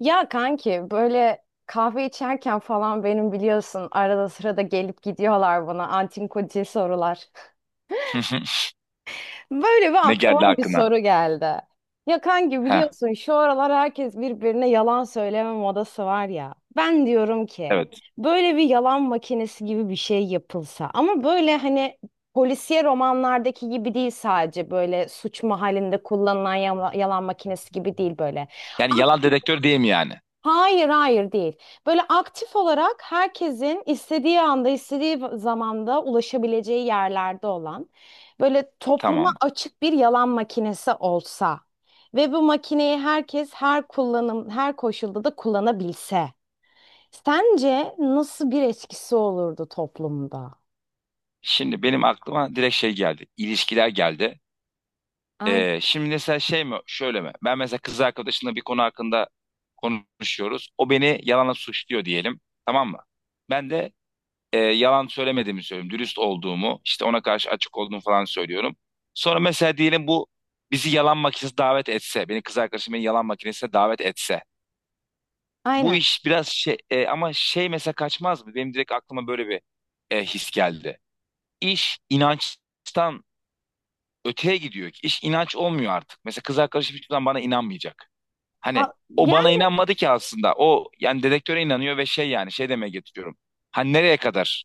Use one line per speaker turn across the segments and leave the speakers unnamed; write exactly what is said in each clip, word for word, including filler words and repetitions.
Ya kanki böyle kahve içerken falan benim biliyorsun arada sırada gelip gidiyorlar bana antinkotil sorular.
Hı hı.
Böyle bir
Ne geldi
aklıma bir
aklına?
soru geldi. Ya kanki
Ha,
biliyorsun şu aralar herkes birbirine yalan söyleme modası var ya. Ben diyorum ki
evet.
böyle bir yalan makinesi gibi bir şey yapılsa ama böyle hani polisiye romanlardaki gibi değil, sadece böyle suç mahallinde kullanılan yala- yalan makinesi gibi değil, böyle.
Yani yalan dedektör değil mi yani?
Hayır, hayır değil. Böyle aktif olarak herkesin istediği anda, istediği zamanda ulaşabileceği yerlerde olan, böyle topluma
Tamam.
açık bir yalan makinesi olsa ve bu makineyi herkes her kullanım, her koşulda da kullanabilse. Sence nasıl bir etkisi olurdu toplumda?
Şimdi benim aklıma direkt şey geldi. İlişkiler geldi.
Aynen.
Ee, şimdi mesela şey mi, şöyle mi? Ben mesela kız arkadaşımla bir konu hakkında konuşuyoruz. O beni yalanla suçluyor diyelim. Tamam mı? Ben de e, yalan söylemediğimi söylüyorum. Dürüst olduğumu, işte ona karşı açık olduğumu falan söylüyorum. Sonra mesela diyelim bu bizi yalan makinesine davet etse, beni kız arkadaşım beni yalan makinesine davet etse. Bu
Aynen.
iş biraz şey e, ama şey mesela kaçmaz mı? Benim direkt aklıma böyle bir e, his geldi. İş inançtan öteye gidiyor ki. İş inanç olmuyor artık. Mesela kız arkadaşım hiçbir zaman bana inanmayacak. Hani
A-
o bana
Yani.
inanmadı ki aslında. O yani dedektöre inanıyor ve şey yani şey demeye getiriyorum. Hani nereye kadar?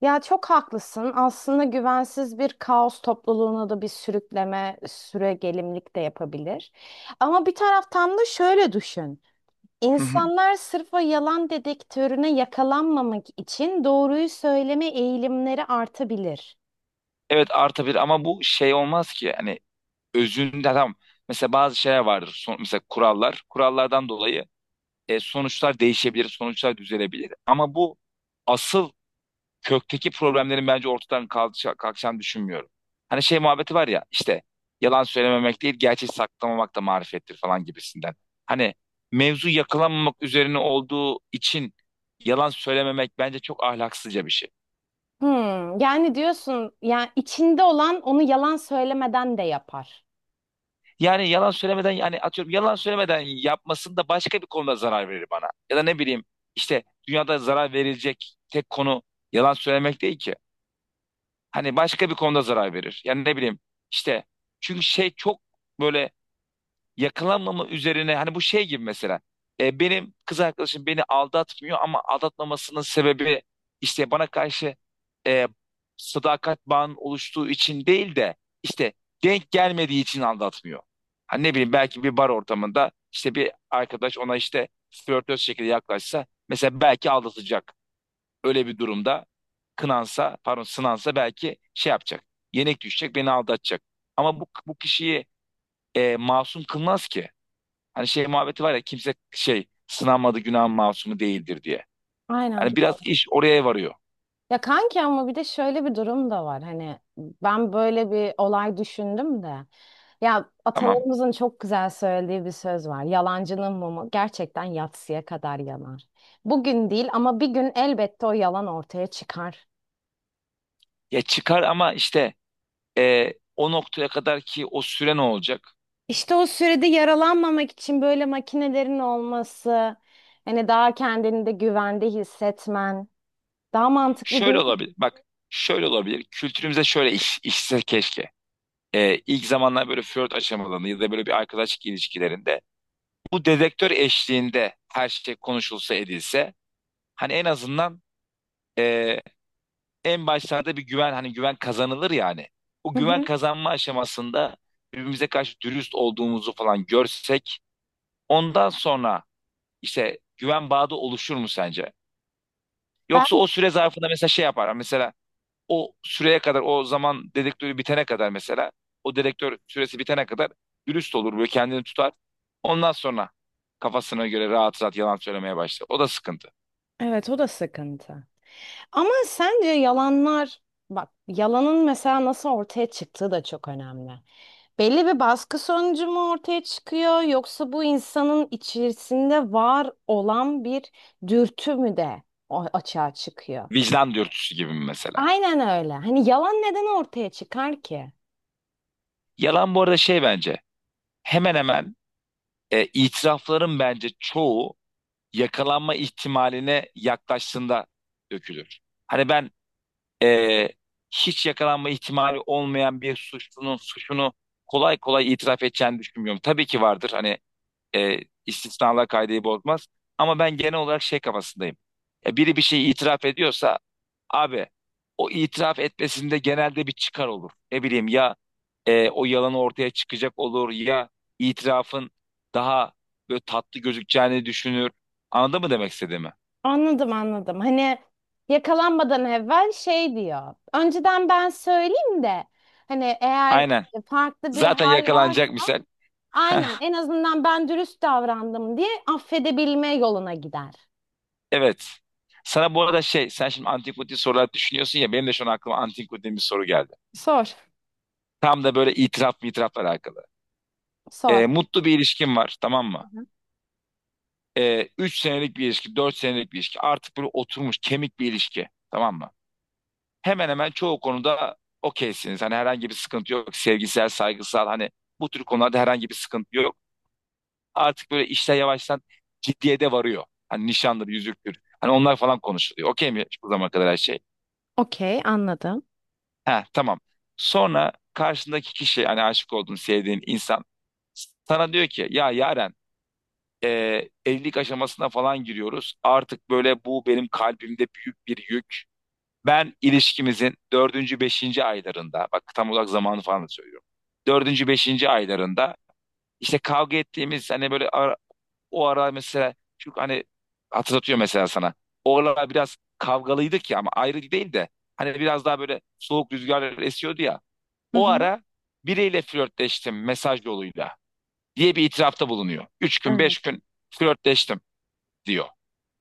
Ya, çok haklısın. Aslında güvensiz bir kaos topluluğuna da bir sürükleme, süregelimlik de yapabilir. Ama bir taraftan da şöyle düşün.
Hı hı.
İnsanlar sırf o yalan dedektörüne yakalanmamak için doğruyu söyleme eğilimleri artabilir.
Evet artabilir ama bu şey olmaz ki. Hani özünde tamam. Mesela bazı şeyler vardır. Son, mesela kurallar. Kurallardan dolayı e, sonuçlar değişebilir, sonuçlar düzelebilir. Ama bu asıl kökteki problemlerin bence ortadan kalkışa- kalkacağını düşünmüyorum. Hani şey muhabbeti var ya, işte yalan söylememek değil gerçeği saklamamak da marifettir falan gibisinden. Hani mevzu yakalanmamak üzerine olduğu için yalan söylememek bence çok ahlaksızca bir şey.
Hmm, yani diyorsun, yani içinde olan onu yalan söylemeden de yapar.
Yani yalan söylemeden, yani atıyorum yalan söylemeden yapmasın da başka bir konuda zarar verir bana. Ya da ne bileyim, işte dünyada zarar verilecek tek konu yalan söylemek değil ki. Hani başka bir konuda zarar verir. Yani ne bileyim, işte çünkü şey çok böyle yakalanmama üzerine, hani bu şey gibi mesela, e, benim kız arkadaşım beni aldatmıyor ama aldatmamasının sebebi işte bana karşı e, sadakat bağının oluştuğu için değil de, işte denk gelmediği için aldatmıyor. Hani ne bileyim, belki bir bar ortamında işte bir arkadaş ona işte flörtöz şekilde yaklaşsa mesela belki aldatacak. Öyle bir durumda kınansa, pardon, sınansa belki şey yapacak. Yenik düşecek, beni aldatacak. Ama bu, bu kişiyi e, masum kılmaz ki. Hani şey muhabbeti var ya, kimse şey sınanmadı günah masumu değildir diye.
Aynen
Hani
doğru.
biraz iş oraya varıyor.
Ya kanki, ama bir de şöyle bir durum da var. Hani ben böyle bir olay düşündüm de. Ya,
Tamam.
atalarımızın çok güzel söylediği bir söz var. Yalancının mumu gerçekten yatsıya kadar yanar. Bugün değil ama bir gün elbette o yalan ortaya çıkar.
Ya çıkar ama işte, e, o noktaya kadar ki o süre ne olacak?
İşte o sürede yaralanmamak için böyle makinelerin olması, hani daha kendini de güvende hissetmen daha mantıklı
Şöyle
değil mi?
olabilir. Bak şöyle olabilir. Kültürümüze şöyle iş, işse keşke. E, ilk zamanlar böyle flört aşamalarında ya da böyle bir arkadaşlık ilişkilerinde bu dedektör eşliğinde her şey konuşulsa edilse hani en azından e, en başlarda bir güven, hani güven kazanılır yani. O
Hı
güven
hı.
kazanma aşamasında birbirimize karşı dürüst olduğumuzu falan görsek ondan sonra işte güven bağı da oluşur mu sence?
Ben
Yoksa o süre zarfında mesela şey yapar. Mesela o süreye kadar, o zaman dedektörü bitene kadar mesela, o dedektör süresi bitene kadar dürüst olur, böyle kendini tutar. Ondan sonra kafasına göre rahat rahat yalan söylemeye başlar. O da sıkıntı.
Evet, o da sıkıntı. Ama sence yalanlar, bak, yalanın mesela nasıl ortaya çıktığı da çok önemli. Belli bir baskı sonucu mu ortaya çıkıyor, yoksa bu insanın içerisinde var olan bir dürtü mü de o- açığa çıkıyor?
Vicdan dürtüsü gibi mi mesela?
Aynen öyle. Hani yalan neden ortaya çıkar ki?
Yalan bu arada şey bence hemen hemen, e, itirafların bence çoğu yakalanma ihtimaline yaklaştığında dökülür. Hani ben e, hiç yakalanma ihtimali olmayan bir suçlunun suçunu kolay kolay itiraf edeceğini düşünmüyorum. Tabii ki vardır, hani e, istisnalar kaideyi bozmaz, ama ben genel olarak şey kafasındayım. Ya biri bir şeyi itiraf ediyorsa, abi, o itiraf etmesinde genelde bir çıkar olur. Ne bileyim ya, e, o yalanı ortaya çıkacak olur ya, itirafın daha böyle tatlı gözükeceğini düşünür. Anladın mı demek istediğimi?
Anladım, anladım. Hani yakalanmadan evvel şey diyor. Önceden ben söyleyeyim de, hani eğer
Aynen.
farklı bir
Zaten
hal
yakalanacak
varsa
misal.
aynen, en azından ben dürüst davrandım diye affedebilme yoluna gider.
Evet. Sana bu arada şey, sen şimdi antipatik sorular düşünüyorsun ya, benim de şu an aklıma antipatik bir soru geldi.
Sor.
Tam da böyle itiraf mı itirafla alakalı.
Sor.
E, mutlu bir ilişkin var, tamam mı?
Hı hı.
E, üç senelik bir ilişki, dört senelik bir ilişki. Artık böyle oturmuş, kemik bir ilişki. Tamam mı? Hemen hemen çoğu konuda okeysiniz. Hani herhangi bir sıkıntı yok. Sevgisel, saygısal, hani bu tür konularda herhangi bir sıkıntı yok. Artık böyle işler yavaştan ciddiye de varıyor. Hani nişandır, yüzüktür. Hani onlar falan konuşuluyor. Okey mi bu zamana kadar her şey?
Okey, anladım.
Ha, tamam. Sonra karşındaki kişi, hani aşık olduğun, sevdiğin insan sana diyor ki, ya Yaren, e, evlilik aşamasına falan giriyoruz. Artık böyle bu benim kalbimde büyük bir yük. Ben ilişkimizin dördüncü, beşinci aylarında, bak tam olarak zamanı falan da söylüyorum. Dördüncü, beşinci aylarında, işte kavga ettiğimiz hani böyle ara- o ara mesela, çünkü hani hatırlatıyor mesela sana. O aralar biraz kavgalıydık ya, ama ayrı değil de, hani biraz daha böyle soğuk rüzgarlar esiyordu ya.
Hı
O
hı.
ara biriyle flörtleştim mesaj yoluyla, diye bir itirafta bulunuyor. Üç gün,
Evet.
beş gün flörtleştim, diyor.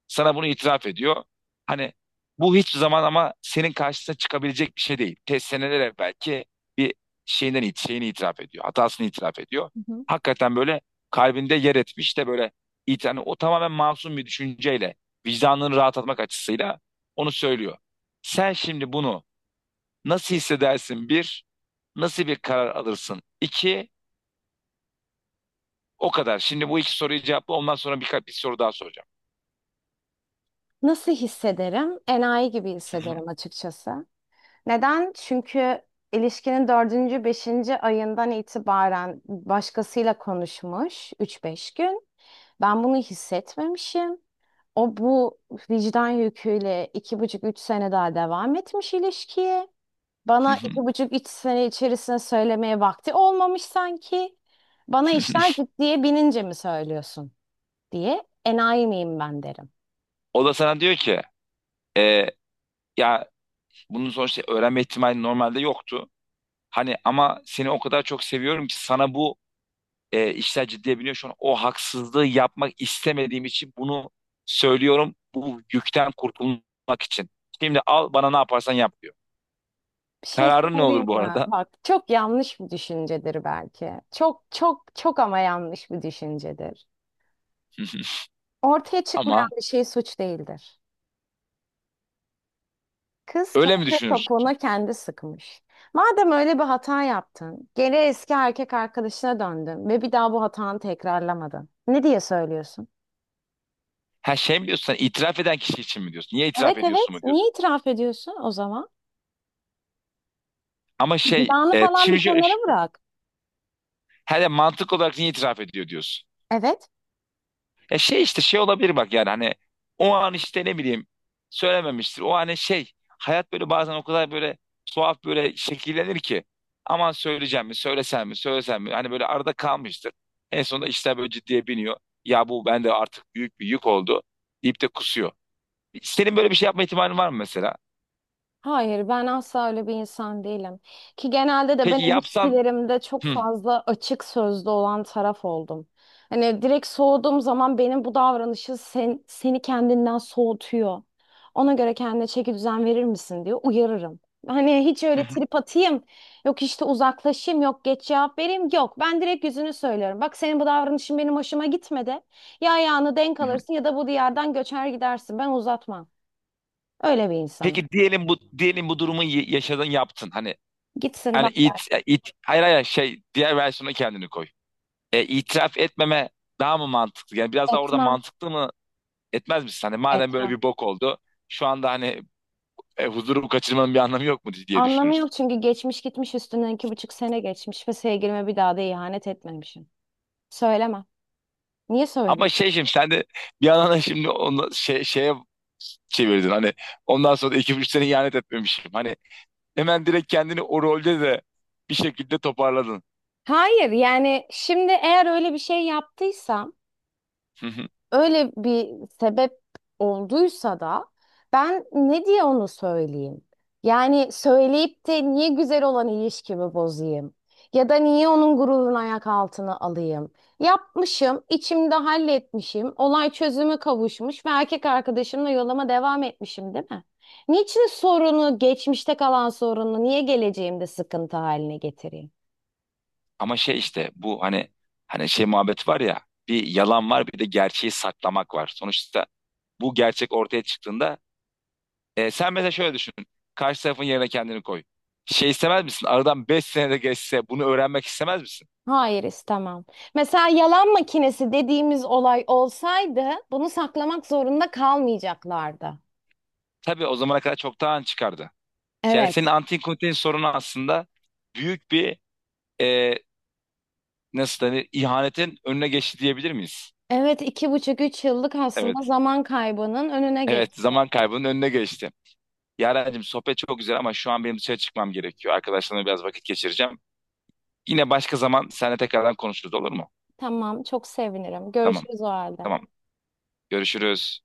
Sana bunu itiraf ediyor. Hani bu hiçbir zaman ama senin karşısına çıkabilecek bir şey değil. Te seneler evvelki belki bir şeyinden it- şeyini itiraf ediyor. Hatasını itiraf ediyor.
Hı hı.
Hakikaten böyle kalbinde yer etmiş de, böyle it- hani o tamamen masum bir düşünceyle, vicdanını rahatlatmak açısıyla onu söylüyor. Sen şimdi bunu nasıl hissedersin? Bir, nasıl bir karar alırsın? İki, o kadar. Şimdi bu iki soruyu cevapla. Ondan sonra birkaç bir soru daha soracağım.
Nasıl hissederim? Enayi gibi hissederim açıkçası. Neden? Çünkü ilişkinin dördüncü, beşinci ayından itibaren başkasıyla konuşmuş üç beş gün. Ben bunu hissetmemişim. O bu vicdan yüküyle iki buçuk üç sene daha devam etmiş ilişkiye. Bana iki buçuk üç sene içerisinde söylemeye vakti olmamış sanki. Bana işler ciddiye binince mi söylüyorsun diye, enayi miyim ben, derim.
O da sana diyor ki, e, ya bunun sonuçta öğrenme ihtimali normalde yoktu. Hani ama seni o kadar çok seviyorum ki, sana bu, e, işler ciddiye biniyor. Şu an o haksızlığı yapmak istemediğim için bunu söylüyorum. Bu yükten kurtulmak için. Şimdi al, bana ne yaparsan yap, diyor.
Bir şey
Kararın ne
söyleyeyim
olur bu
mi?
arada?
Bak, çok yanlış bir düşüncedir belki. Çok çok çok ama yanlış bir düşüncedir. Ortaya çıkmayan
Ama
bir şey suç değildir. Kız
öyle mi
kendi
düşünürsün?
topuğuna kendi sıkmış. Madem öyle bir hata yaptın, geri eski erkek arkadaşına döndün ve bir daha bu hatanı tekrarlamadın. Ne diye söylüyorsun?
Ha, şey mi diyorsun, sen itiraf eden kişi için mi diyorsun? Niye
Evet,
itiraf ediyorsun
evet.
mu diyorsun?
Niye itiraf ediyorsun o zaman?
Ama şey
Vicdanı
e,
falan bir
şimdi şöyle,
kenara bırak.
hele mantık olarak niye itiraf ediyor diyorsun?
Evet.
Ya şey işte şey olabilir, bak yani hani o an işte ne bileyim söylememiştir. O hani şey, hayat böyle bazen o kadar böyle tuhaf böyle şekillenir ki aman söyleyeceğim mi, söylesem mi söylesem mi, hani böyle arada kalmıştır. En sonunda işler böyle ciddiye biniyor. Ya bu bende artık büyük bir yük oldu, deyip de kusuyor. Senin böyle bir şey yapma ihtimalin var mı mesela?
Hayır, ben asla öyle bir insan değilim. Ki genelde de ben
Peki yapsan.
ilişkilerimde çok
Hı,
fazla açık sözlü olan taraf oldum. Hani direkt soğuduğum zaman, benim bu davranışı sen, seni kendinden soğutuyor. Ona göre kendine çeki düzen verir misin diye uyarırım. Hani hiç
hı,
öyle
hı,
trip atayım, yok işte uzaklaşayım, yok geç cevap vereyim, yok. Ben direkt yüzünü söylüyorum. Bak, senin bu davranışın benim hoşuma gitmedi. Ya ayağını denk
hı.
alırsın, ya da bu diyardan göçer gidersin. Ben uzatmam. Öyle bir insanım.
Peki diyelim bu, diyelim bu durumu y- yaşadın, yaptın, hani
Gitsin,
hani
bak.
it it hayır, hayır, şey diğer versiyona kendini koy. e, itiraf etmeme daha mı mantıklı? Yani biraz daha orada
Etmem,
mantıklı mı, etmez misin? Hani madem böyle
etmem.
bir bok oldu şu anda, hani e, huzurumu kaçırmanın bir anlamı yok mu diye
Anlamı
düşünürsün.
yok çünkü geçmiş gitmiş, üstünden iki buçuk sene geçmiş ve sevgilime bir daha da ihanet etmemişim. Söylemem. Niye
Ama
söyleyeyim?
şey şimdi sen de bir yandan da şimdi onu şey, şeye çevirdin. Hani ondan sonra da iki üç sene ihanet etmemişim. Hani hemen direkt kendini o rolde de bir şekilde toparladın.
Hayır, yani şimdi eğer öyle bir şey yaptıysam,
Hı hı.
öyle bir sebep olduysa da, ben ne diye onu söyleyeyim? Yani söyleyip de niye güzel olan ilişkimi bozayım? Ya da niye onun gururunu ayak altına alayım? Yapmışım, içimde halletmişim, olay çözüme kavuşmuş ve erkek arkadaşımla yoluma devam etmişim, değil mi? Niçin sorunu, geçmişte kalan sorunu, niye geleceğimde sıkıntı haline getireyim?
Ama şey işte bu hani, hani şey muhabbet var ya, bir yalan var bir de gerçeği saklamak var. Sonuçta bu gerçek ortaya çıktığında. E, sen mesela şöyle düşün. Karşı tarafın yerine kendini koy. Şey istemez misin? Aradan beş senede geçse bunu öğrenmek istemez misin?
Hayır, istemem. Mesela yalan makinesi dediğimiz olay olsaydı bunu saklamak zorunda kalmayacaklardı.
Tabii o zamana kadar çoktan çıkardı. Yani
Evet.
senin antin kontin sorunu aslında büyük bir, e, nasıl denir, ihanetin önüne geçti diyebilir miyiz?
Evet, iki buçuk üç yıllık aslında
Evet.
zaman kaybının önüne geç.
Evet, zaman kaybının önüne geçti. Yarencim sohbet çok güzel ama şu an benim dışarı çıkmam gerekiyor. Arkadaşlarımla biraz vakit geçireceğim. Yine başka zaman seninle tekrardan konuşuruz, olur mu?
Tamam, çok sevinirim.
Tamam.
Görüşürüz o halde.
Tamam. Görüşürüz.